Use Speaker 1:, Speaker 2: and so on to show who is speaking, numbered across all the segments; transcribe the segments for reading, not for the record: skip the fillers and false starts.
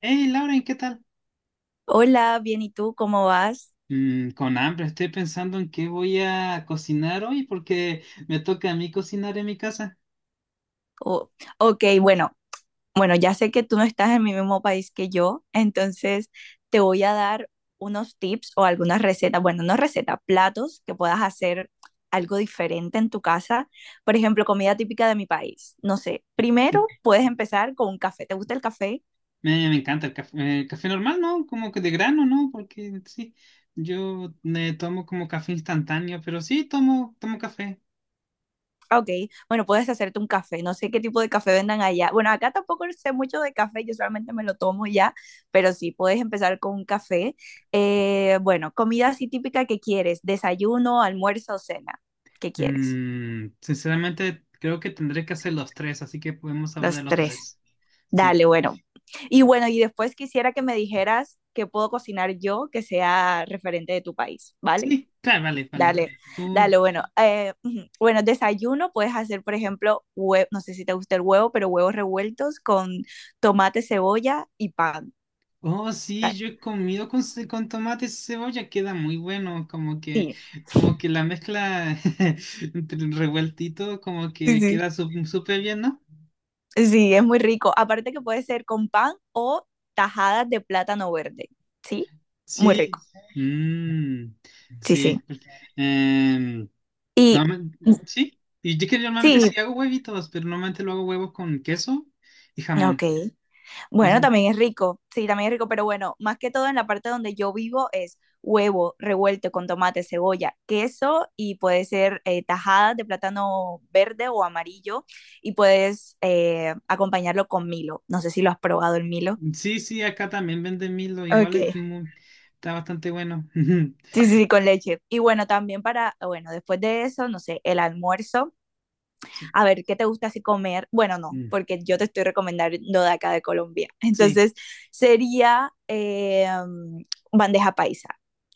Speaker 1: Hey, Lauren, ¿qué tal?
Speaker 2: Hola, bien, ¿y tú cómo vas?
Speaker 1: Con hambre, estoy pensando en qué voy a cocinar hoy porque me toca a mí cocinar en mi casa.
Speaker 2: O- ok, bueno, bueno, ya sé que tú no estás en mi mismo país que yo, entonces te voy a dar unos tips o algunas recetas, bueno, no recetas, platos que puedas hacer algo diferente en tu casa. Por ejemplo, comida típica de mi país. No sé,
Speaker 1: Sí,
Speaker 2: primero
Speaker 1: sí,
Speaker 2: puedes empezar con un café. ¿Te gusta el café?
Speaker 1: me encanta el café normal, ¿no? Como que de grano, ¿no? Porque sí, yo me tomo como café instantáneo, pero sí, tomo café.
Speaker 2: Ah, ok, bueno, puedes hacerte un café. No sé qué tipo de café vendan allá. Bueno, acá tampoco sé mucho de café, yo solamente me lo tomo ya, pero sí, puedes empezar con un café. Bueno, comida así típica que quieres, desayuno, almuerzo o cena. ¿Qué quieres?
Speaker 1: Sinceramente, creo que tendré que hacer los tres, así que podemos hablar de
Speaker 2: Los
Speaker 1: los
Speaker 2: tres.
Speaker 1: tres. Sí,
Speaker 2: Dale, bueno. Y bueno, y después quisiera que me dijeras qué puedo cocinar yo que sea referente de tu país, ¿vale?
Speaker 1: sí, claro, vale, vale.
Speaker 2: Dale,
Speaker 1: ¿Tú?
Speaker 2: dale, bueno, ujú. Bueno, desayuno puedes hacer, por ejemplo, no sé si te gusta el huevo, pero huevos revueltos con tomate, cebolla y pan.
Speaker 1: Oh, sí,
Speaker 2: Ta-
Speaker 1: yo he comido con tomate y cebolla, queda muy bueno, como que,
Speaker 2: Sí,
Speaker 1: como que la mezcla entre el revueltito, como
Speaker 2: sí,
Speaker 1: que
Speaker 2: sí.
Speaker 1: queda súper bien, ¿no?
Speaker 2: Sí, es muy rico. Aparte que puede ser con pan o tajadas de plátano verde, ¿sí? Muy rico,
Speaker 1: Sí, mm,
Speaker 2: sí, sí.
Speaker 1: sí, porque, em,
Speaker 2: Y
Speaker 1: normalmente- sí, y yo que normalmente
Speaker 2: sí,
Speaker 1: sí hago huevitos, pero normalmente lo hago huevos con queso y
Speaker 2: ok.
Speaker 1: jamón. Eso,
Speaker 2: Bueno, también es rico, sí, también es rico, pero bueno, más que todo en la parte donde yo vivo es huevo revuelto con tomate, cebolla, queso y puede ser tajada de plátano verde o amarillo y puedes acompañarlo con Milo. No sé si lo has probado el Milo.
Speaker 1: sí, sí, acá también venden Milo, igual es
Speaker 2: Ok.
Speaker 1: está bastante bueno.
Speaker 2: Sí, sí, sí, con leche. Y bueno, también para, bueno, después de eso, no sé, el almuerzo
Speaker 1: Sí,
Speaker 2: a ver, ¿qué te gusta así comer? Bueno, no,
Speaker 1: mm,
Speaker 2: porque yo te estoy recomendando de acá de Colombia.
Speaker 1: sí.
Speaker 2: Entonces, sería bandeja paisa.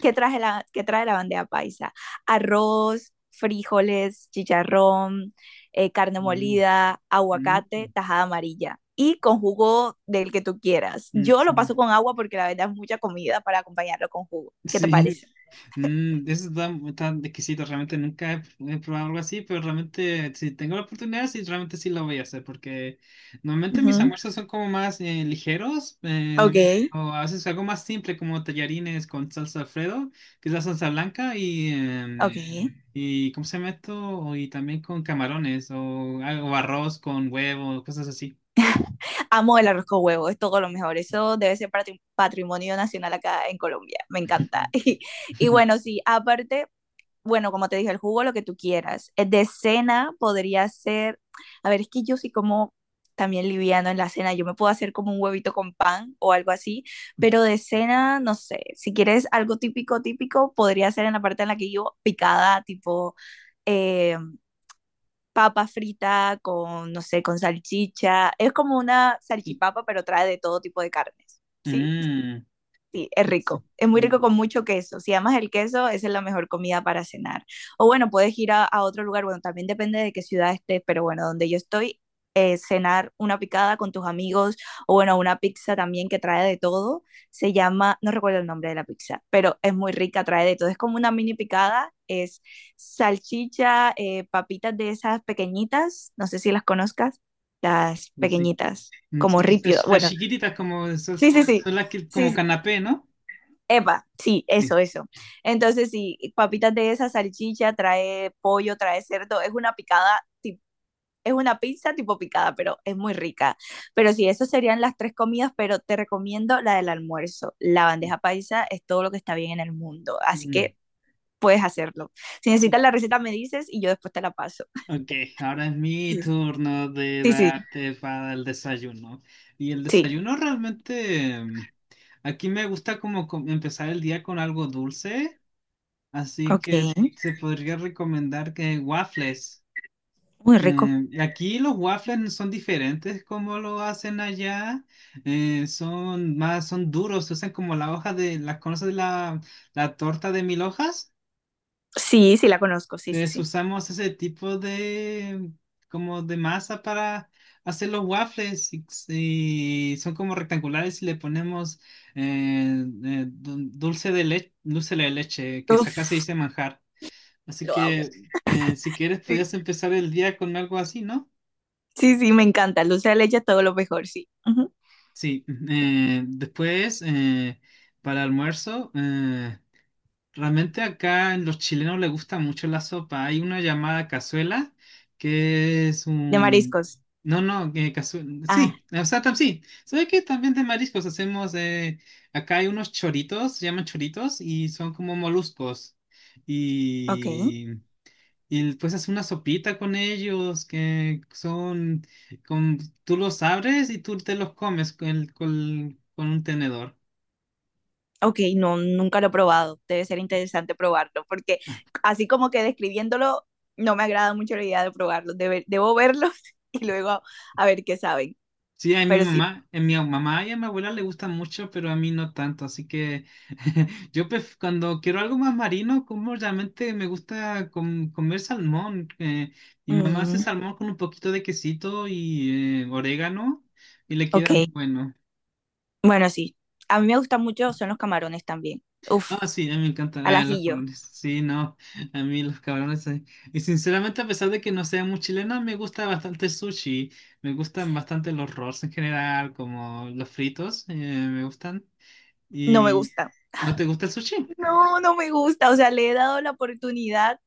Speaker 2: ¿Qué trae la bandeja paisa? Arroz, frijoles, chicharrón, carne
Speaker 1: Mm,
Speaker 2: molida,
Speaker 1: mm.
Speaker 2: aguacate, tajada amarilla y con jugo del que tú quieras.
Speaker 1: Mm,
Speaker 2: Yo lo
Speaker 1: sí,
Speaker 2: paso con agua porque la verdad es mucha comida para acompañarlo con jugo. ¿Qué te
Speaker 1: sí.
Speaker 2: parece?
Speaker 1: Eso está exquisito, realmente nunca he probado algo así, pero realmente si tengo la oportunidad, sí, realmente sí lo voy a hacer, porque normalmente mis
Speaker 2: Ujú,
Speaker 1: almuerzos son como más ligeros, o a veces algo más simple como tallarines con salsa Alfredo, que es la salsa blanca, y,
Speaker 2: ok.
Speaker 1: em, y ¿cómo se llama esto? Y también con camarones, o, algo arroz con huevo, cosas así.
Speaker 2: Amo el arroz con huevo, es todo lo mejor. Eso debe ser patrimonio nacional acá en Colombia. Me encanta. Y, y bueno, sí, aparte, bueno, como te dije, el jugo, lo que tú quieras. De cena podría ser, a ver, es que yo sí como también liviano en la cena, yo me puedo hacer como un huevito con pan o algo así, pero de cena, no sé, si quieres algo típico, típico, podría ser en la parte en la que yo picada, eh, papa frita con, no sé, con salchicha. Es como una
Speaker 1: Sí.
Speaker 2: salchipapa, pero trae de todo tipo de carnes, ¿sí?
Speaker 1: Mm,
Speaker 2: Sí, es
Speaker 1: sí.
Speaker 2: rico. Es muy rico
Speaker 1: Mm,
Speaker 2: con mucho queso. Si amas el queso, esa es la mejor comida para cenar. O bueno, puedes ir a otro lugar. Bueno, también depende de qué ciudad estés, pero bueno, donde yo estoy, cenar una picada con tus amigos o bueno, una pizza también que trae de todo. Se llama, no recuerdo el nombre de la pizza, pero es muy rica, trae de todo. Es como una mini picada, es salchicha, papitas de esas pequeñitas, no sé si las conozcas, las
Speaker 1: pues sí.
Speaker 2: pequeñitas,
Speaker 1: Mm,
Speaker 2: como
Speaker 1: son
Speaker 2: ripio.
Speaker 1: Las, las
Speaker 2: Bueno,
Speaker 1: chiquititas como esos
Speaker 2: sí, sí, sí.
Speaker 1: son las que como
Speaker 2: Sí,
Speaker 1: canapé, ¿no?
Speaker 2: epa, sí, eso,
Speaker 1: Sí,
Speaker 2: eso. Entonces, sí, papitas de esa salchicha, trae pollo, trae cerdo, es una picada, es una pizza tipo picada, pero es muy rica. Pero sí, esas serían las tres comidas, pero te recomiendo la del almuerzo. La
Speaker 1: sí.
Speaker 2: bandeja paisa es todo lo que está bien en el mundo, así
Speaker 1: Mm,
Speaker 2: que puedes hacerlo. Si necesitas
Speaker 1: sí.
Speaker 2: la receta, me dices y yo después te la paso.
Speaker 1: Ok, ahora es mi
Speaker 2: Sí,
Speaker 1: turno de
Speaker 2: sí, sí,
Speaker 1: darte para el desayuno. Y el
Speaker 2: sí.
Speaker 1: desayuno realmente, aquí me gusta como empezar el día con algo dulce, así
Speaker 2: Ok,
Speaker 1: que se podría recomendar que waffles.
Speaker 2: muy rico.
Speaker 1: Aquí los waffles son diferentes como lo hacen allá. Son más, son duros, se usan como la hoja de, las conoces la torta de mil hojas.
Speaker 2: Sí, sí, la conozco, sí, sí,
Speaker 1: Entonces
Speaker 2: sí.
Speaker 1: usamos ese tipo de, como de masa para hacer los waffles y son como rectangulares y le ponemos dulce de leche, que acá
Speaker 2: Uf,
Speaker 1: se dice manjar. Así
Speaker 2: lo amo.
Speaker 1: que si quieres,
Speaker 2: Sí,
Speaker 1: podías empezar el día con algo así, ¿no?
Speaker 2: sí, sí, me encanta. Dulce de leche, todo lo mejor, sí. Ujú.
Speaker 1: Sí, después para almuerzo, realmente acá en los chilenos les gusta mucho la sopa. Hay una llamada cazuela que es
Speaker 2: De
Speaker 1: un...
Speaker 2: mariscos.
Speaker 1: No, no, que cazuela...
Speaker 2: Ah,
Speaker 1: Sí, o sea, sí. ¿Sabes qué? También de mariscos hacemos... acá hay unos choritos, se llaman choritos y son como moluscos.
Speaker 2: ok.
Speaker 1: Y pues haces una sopita con ellos que son, con, tú los abres y tú te los comes con un tenedor.
Speaker 2: Ok, no, nunca lo he probado. Debe ser interesante probarlo, porque así como que describiéndolo, no me agrada mucho la idea de probarlo. Debo verlos y luego a, ver qué saben.
Speaker 1: Sí, a mi
Speaker 2: Pero sí.
Speaker 1: mamá, a mi mamá y a mi abuela le gustan mucho, pero a mí no tanto. Así que yo cuando quiero algo más marino, como realmente me gusta comer salmón. Mi mamá hace
Speaker 2: Mm,
Speaker 1: salmón con un poquito de quesito y orégano y le
Speaker 2: ok,
Speaker 1: queda muy bueno.
Speaker 2: bueno, sí. A mí me gustan mucho, son los camarones también. Uf,
Speaker 1: Ah, sí, a mí me encantan
Speaker 2: al
Speaker 1: los
Speaker 2: ajillo.
Speaker 1: cabrones. Sí, no, a mí los cabrones. Y sinceramente, a pesar de que no sea muy chilena, me gusta bastante el sushi. Me gustan bastante los rolls en general, como los fritos, me gustan.
Speaker 2: No me
Speaker 1: ¿Y
Speaker 2: gusta.
Speaker 1: no te gusta el sushi?
Speaker 2: No, no me gusta. O sea, le he dado la oportunidad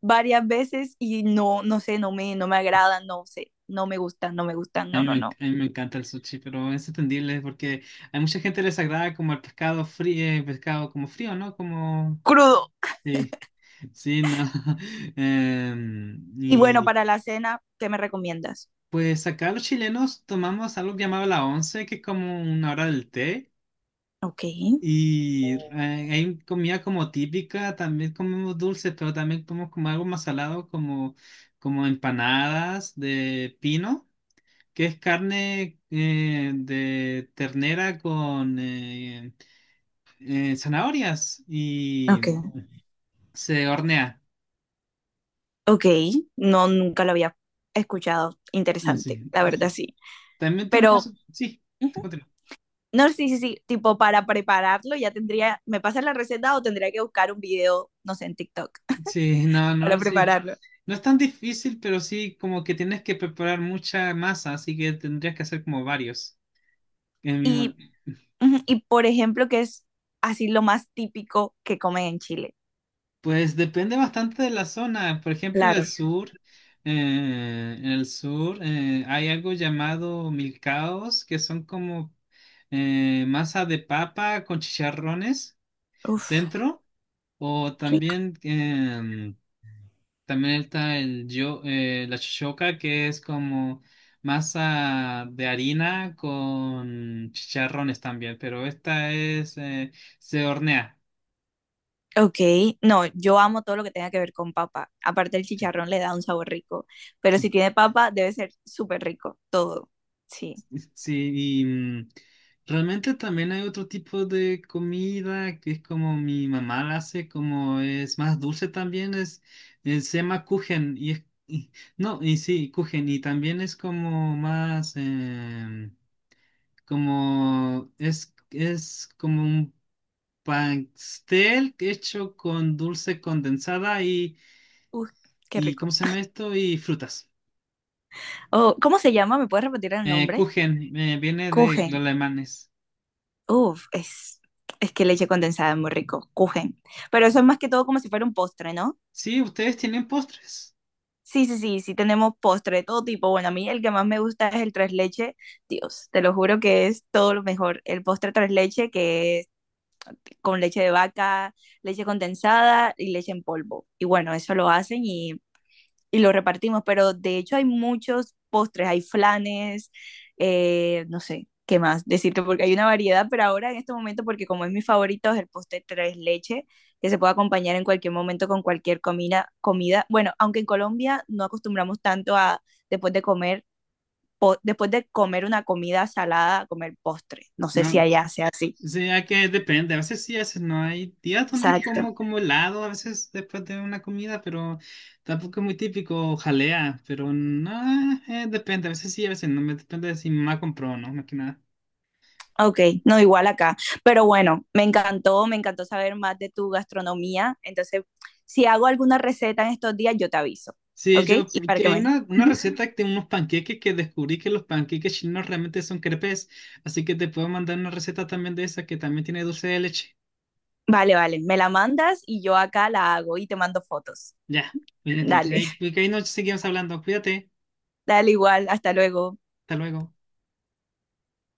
Speaker 2: varias veces y no, no sé, no me, no me agradan, no sé. No me gustan, no me gustan,
Speaker 1: A mí,
Speaker 2: no, no,
Speaker 1: me,
Speaker 2: no.
Speaker 1: a mí me encanta el sushi, pero es entendible porque hay mucha gente que les agrada como el pescado frío, pescado como frío, ¿no? Como...
Speaker 2: Crudo.
Speaker 1: Sí, sí, no. Em,
Speaker 2: Y bueno,
Speaker 1: y...
Speaker 2: para la cena, ¿qué me recomiendas?
Speaker 1: Pues acá los chilenos tomamos algo llamado la once, que es como una hora del té,
Speaker 2: Ok,
Speaker 1: y hay comida como típica, también comemos dulces, pero también comemos como algo más salado, como empanadas de pino, que es carne de ternera con zanahorias
Speaker 2: ok,
Speaker 1: y se hornea.
Speaker 2: ok. No, nunca lo había escuchado.
Speaker 1: Eh,
Speaker 2: Interesante,
Speaker 1: Sí.
Speaker 2: la
Speaker 1: Y
Speaker 2: verdad sí.
Speaker 1: también
Speaker 2: Pero,
Speaker 1: tenemos, sí,
Speaker 2: ujú.
Speaker 1: continúa.
Speaker 2: No, sí, sí, sí. Tipo, para prepararlo ya tendría, ¿me pasas la receta o tendría que buscar un video, no sé, en TikTok
Speaker 1: Sí, no,
Speaker 2: para
Speaker 1: no, sí.
Speaker 2: prepararlo?
Speaker 1: No es tan difícil, pero sí como que tienes que preparar mucha masa, así que tendrías que hacer como varios. En mi ma...
Speaker 2: Y, ujú, y por ejemplo, qué es así lo más típico que comen en Chile?
Speaker 1: Pues depende bastante de la zona. Por ejemplo, en el
Speaker 2: Claro.
Speaker 1: sur, hay algo llamado milcaos, que son como masa de papa con chicharrones
Speaker 2: Uf,
Speaker 1: dentro, o también está el yo, la shoka, que es como masa de harina con chicharrones también, pero esta es, se hornea.
Speaker 2: ok, no, yo amo todo lo que tenga que ver con papa. Aparte el chicharrón le da un sabor rico, pero si tiene papa debe ser súper rico, todo. Sí,
Speaker 1: Sí, y realmente también hay otro tipo de comida que es como mi mamá la hace, como es más dulce también, es, se llama kuchen, y es, no, y sí, kuchen, y también es como más... como es como un pastel hecho con dulce condensada y,
Speaker 2: uf, qué
Speaker 1: y ¿cómo
Speaker 2: rico.
Speaker 1: se llama esto? Y frutas.
Speaker 2: Oh, ¿cómo se llama? ¿Me puedes repetir el nombre?
Speaker 1: Kuchen, viene de los
Speaker 2: Kuchen.
Speaker 1: alemanes.
Speaker 2: Uf, es que leche condensada es muy rico, Kuchen. Pero eso es más que todo como si fuera un postre, ¿no?
Speaker 1: Sí, ustedes tienen postres,
Speaker 2: Sí, sí, sí, sí tenemos postre de todo tipo. Bueno, a mí el que más me gusta es el tres leche. Dios, te lo juro que es todo lo mejor. El postre tres leche que con leche de vaca, leche condensada y leche en polvo. Y bueno, eso lo hacen y lo repartimos, pero de hecho hay muchos postres, hay flanes, no sé, ¿qué más decirte? Porque hay una variedad, pero ahora en este momento, porque como es mi favorito, es el postre tres leche, que se puede acompañar en cualquier momento con cualquier comida. Bueno, aunque en Colombia no acostumbramos tanto a, después de comer, después de comer una comida salada, a comer postre. No sé si
Speaker 1: ¿no?
Speaker 2: allá sea así.
Speaker 1: Sí, hay que depende, a veces sí, a veces no. Hay días donde
Speaker 2: Exacto.
Speaker 1: como, como helado, a veces después de una comida, pero tampoco es muy típico, o jalea, pero no, depende, a veces sí, a veces no, me depende de si mi mamá compró o no, más que nada.
Speaker 2: Ok, no, igual acá. Pero bueno, me encantó saber más de tu gastronomía. Entonces, si hago alguna receta en estos días, yo te aviso,
Speaker 1: Sí,
Speaker 2: ¿ok?
Speaker 1: yo,
Speaker 2: Y para
Speaker 1: porque
Speaker 2: que
Speaker 1: hay
Speaker 2: me...
Speaker 1: una
Speaker 2: Ujú.
Speaker 1: receta de unos panqueques que descubrí que los panqueques chinos realmente son crepes, así que te puedo mandar una receta también de esa que también tiene dulce de leche.
Speaker 2: Vale, vale, me la mandas y yo acá la hago y te mando fotos.
Speaker 1: Ya, bien, entonces
Speaker 2: Dale,
Speaker 1: ahí, porque ahí nos seguimos hablando. Cuídate,
Speaker 2: dale igual, hasta luego.
Speaker 1: hasta luego.